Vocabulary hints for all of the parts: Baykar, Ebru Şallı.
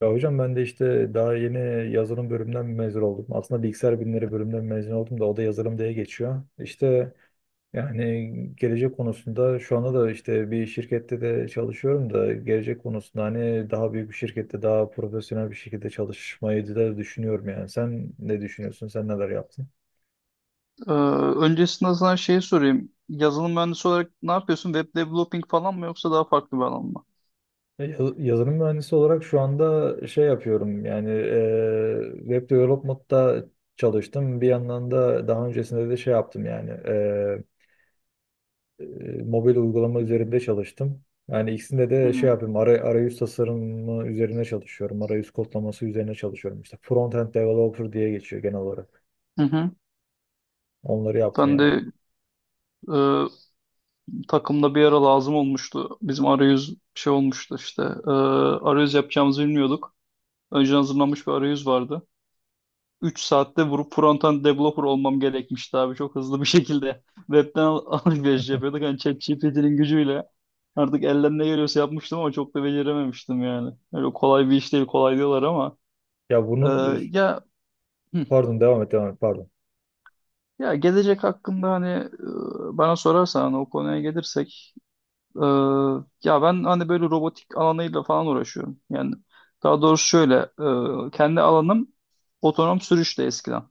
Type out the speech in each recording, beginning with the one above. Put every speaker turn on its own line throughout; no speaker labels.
Ya hocam, ben de işte daha yeni yazılım bölümünden mezun oldum. Aslında bilgisayar bilimleri bölümünden mezun oldum da o da yazılım diye geçiyor. İşte yani gelecek konusunda şu anda da işte bir şirkette de çalışıyorum da gelecek konusunda hani daha büyük bir şirkette daha profesyonel bir şekilde çalışmayı da düşünüyorum yani. Sen ne düşünüyorsun? Sen neler yaptın?
Ee, öncesinde sana şeyi sorayım. Yazılım mühendisi olarak ne yapıyorsun? Web developing falan mı yoksa daha farklı bir alan mı?
Yazılım mühendisi olarak şu anda şey yapıyorum yani web development'ta çalıştım. Bir yandan da daha öncesinde de şey yaptım yani mobil uygulama üzerinde çalıştım. Yani ikisinde de şey
Hmm.
yapıyorum, arayüz tasarımı üzerine çalışıyorum. Arayüz kodlaması üzerine çalışıyorum. İşte front-end developer diye geçiyor genel olarak.
Hı hı.
Onları yaptım
Ben
yani.
de e, takımda bir ara lazım olmuştu. Bizim arayüz şey olmuştu işte. Arayüz yapacağımızı bilmiyorduk. Önceden hazırlanmış bir arayüz vardı. 3 saatte vurup frontend developer olmam gerekmişti abi. Çok hızlı bir şekilde. Alışveriş yapıyorduk. Hani ChatGPT'nin gücüyle. Artık elden ne geliyorsa yapmıştım ama çok da becerememiştim yani. Öyle kolay bir iş değil, kolay diyorlar ama.
Ya
Ee,
bunun,
ya hı,
pardon devam et, devam et, pardon.
ya gelecek hakkında hani bana sorarsan hani o konuya gelirsek, e, ya ben hani böyle robotik alanıyla falan uğraşıyorum. Yani daha doğrusu şöyle, kendi alanım otonom sürüşte eskiden.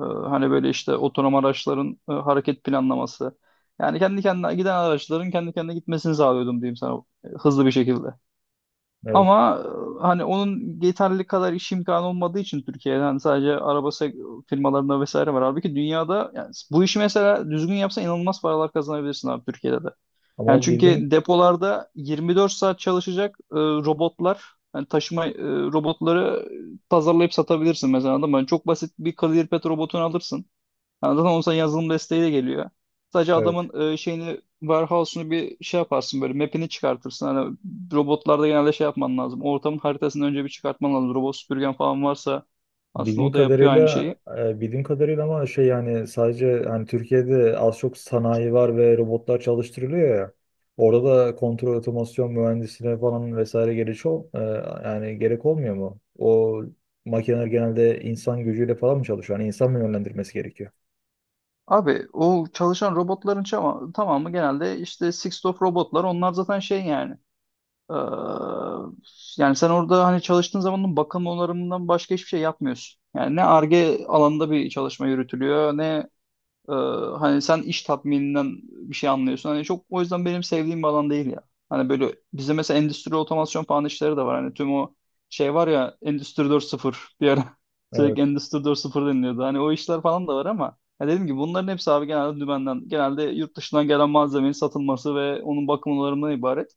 Hani böyle işte otonom araçların hareket planlaması. Yani kendi kendine giden araçların kendi kendine gitmesini sağlıyordum diyeyim sana, hızlı bir şekilde.
Evet.
Ama hani onun yeterli kadar iş imkanı olmadığı için Türkiye'den sadece firmalarında vesaire var. Halbuki dünyada yani bu işi mesela düzgün yapsan inanılmaz paralar kazanabilirsin abi, Türkiye'de de. Yani
Ama bildiğim,
çünkü depolarda 24 saat çalışacak robotlar, yani taşıma, robotları tasarlayıp satabilirsin mesela, anladın mı? Yani çok basit bir kalorifer robotunu alırsın. Yani zaten onun sana yazılım desteği de geliyor. Sadece
evet.
adamın, şeyini, warehouse'unu bir şey yaparsın, böyle map'ini çıkartırsın. Hani robotlarda genelde şey yapman lazım. Ortamın haritasını önce bir çıkartman lazım. Robot süpürgen falan varsa aslında
Bildiğim
o da yapıyor aynı
kadarıyla
şeyi.
Bildiğim kadarıyla ama şey, yani sadece hani Türkiye'de az çok sanayi var ve robotlar çalıştırılıyor ya. Orada da kontrol otomasyon mühendisliğine falan vesaire yani gerek olmuyor mu? O makineler genelde insan gücüyle falan mı çalışıyor? Yani insan mı yönlendirmesi gerekiyor?
Abi o çalışan robotların tamamı genelde işte Six of robotlar. Onlar zaten şey yani. Ee, yani sen orada hani çalıştığın zamanın bakım onarımından başka hiçbir şey yapmıyorsun. Yani ne Ar-Ge alanında bir çalışma yürütülüyor ne Ee, hani sen iş tatmininden bir şey anlıyorsun. Hani çok, o yüzden benim sevdiğim bir alan değil ya. Hani böyle bizde mesela endüstri otomasyon falan işleri de var. Hani tüm o şey var ya, Endüstri 4.0, bir ara sürekli
Evet,
Endüstri 4.0 deniliyordu. Hani o işler falan da var ama ya, dedim ki bunların hepsi abi genelde dümenden, genelde yurt dışından gelen malzemenin satılması ve onun bakım onarımından ibaret.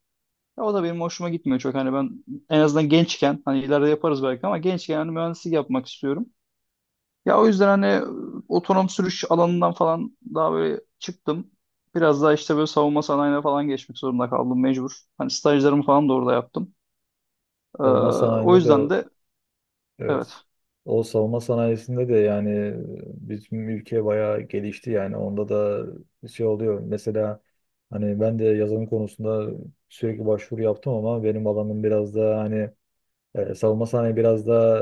Ya o da benim hoşuma gitmiyor çok. Hani ben en azından gençken, hani ileride yaparız belki ama gençken hani mühendislik yapmak istiyorum. Ya o yüzden hani, otonom sürüş alanından falan daha böyle çıktım. Biraz daha işte böyle savunma sanayine falan geçmek zorunda kaldım, mecbur. Hani stajlarımı falan da orada yaptım. Ee,
savunma
o
sanayinde
yüzden
de
de
evet.
evet.
O savunma sanayisinde de yani bizim ülke bayağı gelişti yani, onda da bir şey oluyor. Mesela hani ben de yazılım konusunda sürekli başvuru yaptım ama benim alanım biraz da hani, savunma sanayi biraz da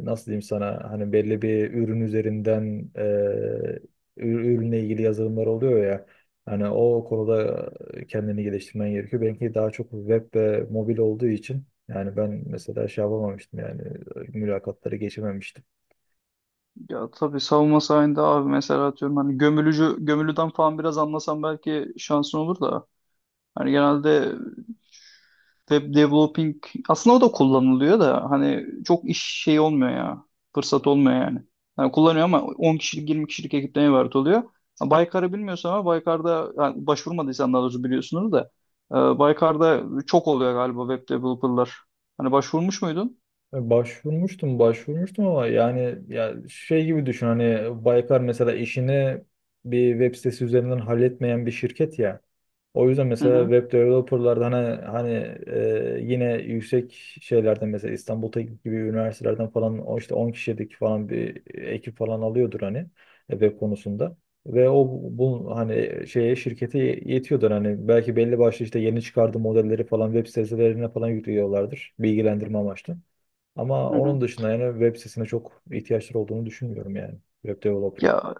nasıl diyeyim sana, hani belli bir ürün üzerinden ürünle ilgili yazılımlar oluyor ya, hani o konuda kendini geliştirmen gerekiyor. Benimki daha çok web ve mobil olduğu için yani ben mesela şey yapamamıştım yani, mülakatları geçememiştim.
Ya tabii savunma sanayinde abi, mesela atıyorum hani gömülücü gömülüden falan biraz anlasam belki şansın olur da. Hani genelde web developing, aslında o da kullanılıyor da hani çok iş şey olmuyor ya. Fırsat olmuyor yani. Hani kullanıyor ama 10 kişilik 20 kişilik ekipten ibaret oluyor. Ha, Baykar'ı bilmiyorsun ama Baykar'da, yani başvurmadıysan, daha doğrusu biliyorsunuz da, Baykar'da çok oluyor galiba web developer'lar. Hani başvurmuş muydun?
Başvurmuştum, başvurmuştum ama yani ya şey gibi düşün hani Baykar mesela işini bir web sitesi üzerinden halletmeyen bir şirket ya. O yüzden
Hı
mesela
hı,
web developerlarda hani yine yüksek şeylerden mesela İstanbul Teknik gibi üniversitelerden falan o işte 10 kişilik falan bir ekip falan alıyordur hani web konusunda. Ve o bu hani şeye şirkete yetiyordur, hani belki belli başlı işte yeni çıkardığı modelleri falan web sitelerine falan yüklüyorlardır bilgilendirme amaçlı. Ama
hı hı.
onun dışında yani web sitesine çok ihtiyaçları olduğunu düşünmüyorum yani, web developer'a.
Ya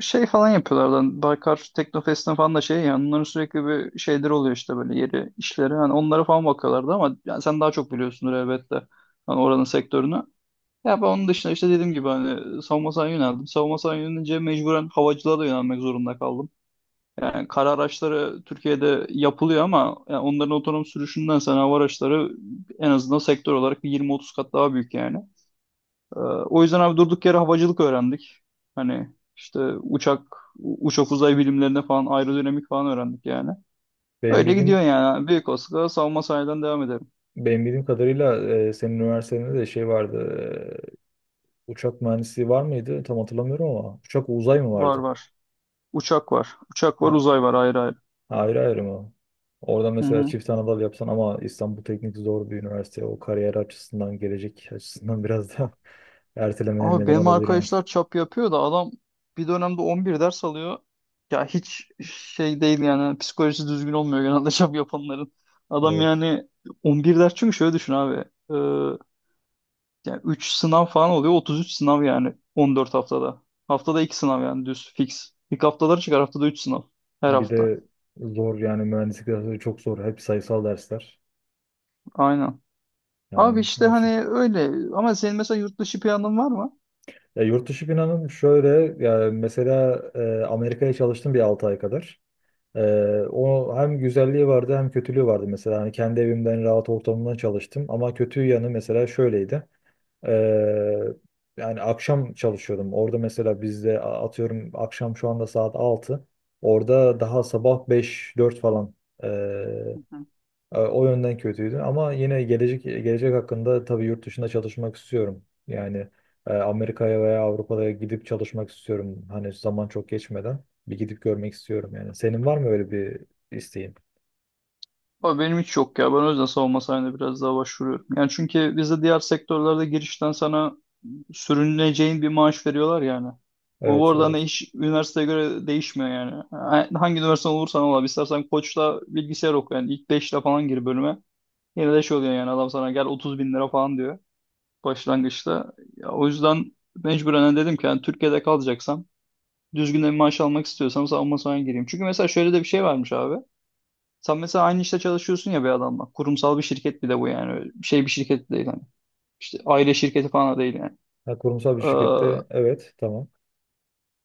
şey falan yapıyorlar lan. Baykar Teknofest'in falan da şey yani, onların sürekli bir şeyleri oluyor işte, böyle yeri işleri. Hani onlara falan bakıyorlardı ama yani sen daha çok biliyorsundur elbette. Hani oranın sektörünü. Ya ben onun dışında işte dediğim gibi hani savunma sanayine yöneldim. Savunma sanayine yönelince mecburen havacılığa da yönelmek zorunda kaldım. Yani kara araçları Türkiye'de yapılıyor ama yani onların otonom sürüşünden sonra hava araçları en azından sektör olarak bir 20-30 kat daha büyük yani. O yüzden abi durduk yere havacılık öğrendik. Hani işte uçak, uçak uzay bilimlerine falan aerodinamik falan öğrendik yani.
Benim
Öyle gidiyor
bildiğim
yani. Büyük olasılıkla savunma sanayiden devam ederim.
Benim bildiğim kadarıyla senin üniversitede de şey vardı. Uçak mühendisliği var mıydı? Tam hatırlamıyorum ama. Uçak uzay mı
Var
vardı?
var. Uçak var. Uçak var,
Ha,
uzay var, ayrı ayrı.
ayrı ayrı mı? Orada
Hı
mesela
hı.
çift Anadolu yapsan ama İstanbul Teknik zor bir üniversite. O kariyer açısından, gelecek açısından biraz da ertelemene
Abi
neden
benim
olabilir yani.
arkadaşlar çap yapıyor da adam bir dönemde 11 ders alıyor. Ya hiç şey değil yani, psikolojisi düzgün olmuyor genelde çap yapanların. Adam
Evet.
yani 11 ders, çünkü şöyle düşün abi. Ee, Yani 3 sınav falan oluyor. 33 sınav yani 14 haftada. Haftada 2 sınav yani, düz fix. İlk haftaları çıkar, haftada 3 sınav. Her
Bir
hafta.
de zor yani, mühendislik dersleri çok zor. Hep sayısal dersler.
Aynen. Abi
Yani
işte
o şey.
hani öyle, ama senin mesela yurt dışı planın var mı?
Ya yurt dışı planım şöyle. Ya mesela Amerika'ya çalıştım bir 6 ay kadar. Ee, O hem güzelliği vardı hem kötülüğü vardı mesela. Hani kendi evimden rahat ortamımda çalıştım ama kötü yanı mesela şöyleydi. Ee, Yani akşam çalışıyordum. Orada mesela bizde atıyorum akşam şu anda saat altı, orada daha sabah beş dört falan.
Hı hı.
O yönden kötüydü ama yine gelecek hakkında tabii yurt dışında çalışmak istiyorum. Yani Amerika'ya veya Avrupa'ya gidip çalışmak istiyorum. Hani zaman çok geçmeden bir gidip görmek istiyorum yani. Senin var mı öyle bir isteğin?
Abi benim hiç yok ya. Ben o yüzden savunma sanayine biraz daha başvuruyorum. Yani çünkü bizde diğer sektörlerde girişten sana sürüneceğin bir maaş veriyorlar yani. Bu
Evet,
arada hani
evet.
iş üniversiteye göre değişmiyor yani. Hangi üniversite olursan ol abi. İstersen Koç'ta bilgisayar oku yani. İlk 5'le falan gir bölüme. Yine de şey oluyor yani, adam sana gel 30 bin lira falan diyor başlangıçta. Ya, o yüzden mecburen hani dedim ki yani, Türkiye'de kalacaksam düzgün bir maaş almak istiyorsam savunma sanayine gireyim. Çünkü mesela şöyle de bir şey varmış abi. Sen mesela aynı işte çalışıyorsun ya bir adamla. Kurumsal bir şirket bir de bu yani. Öyle bir şey, bir şirket değil hani. İşte aile şirketi falan da değil yani.
Ha, kurumsal bir
Ee,
şirkette, evet, tamam.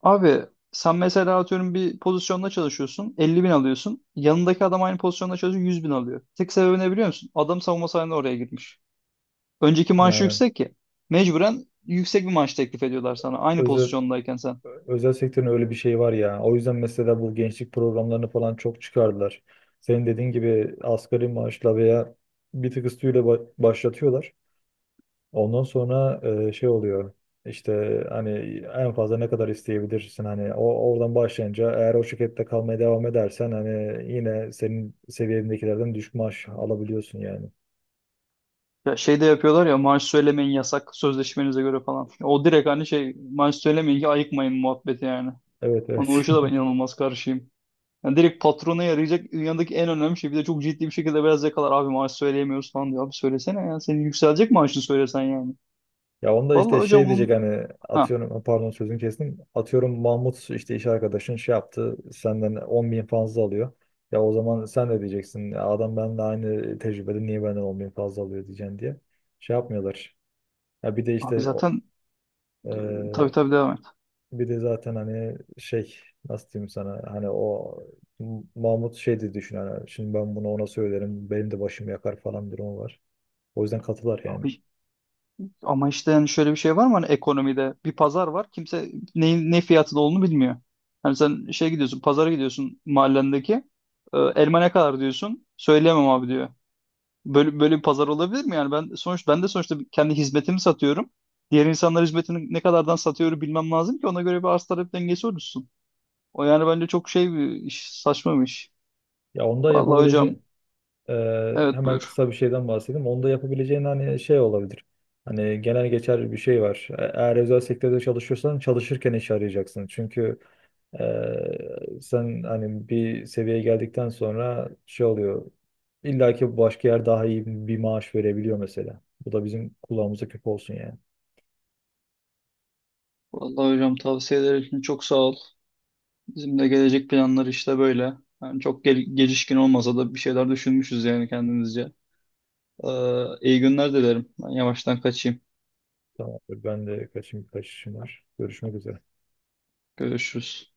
abi sen mesela atıyorum bir pozisyonda çalışıyorsun 50 bin alıyorsun. Yanındaki adam aynı pozisyonda çalışıyor 100 bin alıyor. Tek sebebi ne biliyor musun? Adam savunma sanayine oraya girmiş. Önceki maaşı
Yani
yüksek ki, mecburen yüksek bir maaş teklif ediyorlar sana aynı
özel
pozisyondayken sen.
özel sektörün öyle bir şeyi var ya. O yüzden mesela bu gençlik programlarını falan çok çıkardılar. Senin dediğin gibi asgari maaşla veya bir tık üstüyle başlatıyorlar. Ondan sonra şey oluyor. İşte hani en fazla ne kadar isteyebilirsin, hani o, oradan başlayınca eğer o şirkette kalmaya devam edersen hani yine senin seviyendekilerden düşük maaş alabiliyorsun yani.
Ya şey de yapıyorlar ya, maaş söylemeyin yasak sözleşmenize göre falan. O direkt hani şey, maaş söylemeyin ki ayıkmayın muhabbeti yani.
Evet,
Ona, o
evet.
işe de ben inanılmaz karşıyım. Yani direkt patrona yarayacak dünyadaki en önemli şey. Bir de çok ciddi bir şekilde beyaz yakalar abi maaş söyleyemiyoruz falan diyor. Abi söylesene ya, senin yükselecek maaşını söylesen yani.
Ya onda işte
Vallahi
şey
hocam on...
diyecek hani,
Ha,
atıyorum, pardon sözünü kestim. Atıyorum Mahmut işte iş arkadaşın şey yaptı, senden 10 bin fazla alıyor. Ya o zaman sen de diyeceksin, "Ya adam benimle aynı tecrübede niye benden 10 bin fazla alıyor diyeceksin" diye. Şey yapmıyorlar. Ya bir de
abi
işte o-
zaten,
ee,
tabii tabii, devam et.
Bir de zaten hani şey, nasıl diyeyim sana, hani o Mahmut şey de düşün hani, şimdi ben bunu ona söylerim benim de başım yakar falan bir durum var. O yüzden katılar yani.
Abi ama işte yani şöyle bir şey var mı hani, ekonomide bir pazar var, kimse neyin ne fiyatı da olduğunu bilmiyor. Hani sen şey, gidiyorsun pazara, gidiyorsun mahallendeki, elma ne kadar diyorsun, söyleyemem abi diyor. Böyle bir pazar olabilir mi yani, ben de sonuçta kendi hizmetimi satıyorum. Diğer insanlar hizmetini ne kadardan satıyor bilmem lazım ki ona göre bir arz talep dengesi oluşsun. O yani bence çok şey bir iş, saçma bir iş.
Ya onda
Vallahi
yapabileceği.
hocam, evet
Hemen
buyur.
kısa bir şeyden bahsedeyim. Onda yapabileceğin hani şey olabilir. Hani genel geçer bir şey var. Eğer özel sektörde çalışıyorsan çalışırken iş arayacaksın. Çünkü sen hani bir seviyeye geldikten sonra şey oluyor. İlla ki başka yer daha iyi bir maaş verebiliyor mesela. Bu da bizim kulağımıza küp olsun yani.
Vallahi hocam, tavsiyeler için çok sağ ol. Bizim de gelecek planları işte böyle. Yani çok gelişkin olmasa da bir şeyler düşünmüşüz yani kendimizce. Ee, iyi günler dilerim. Ben yavaştan kaçayım.
Tamamdır. Ben de kaçayım birkaç işim var. Görüşmek üzere.
Görüşürüz.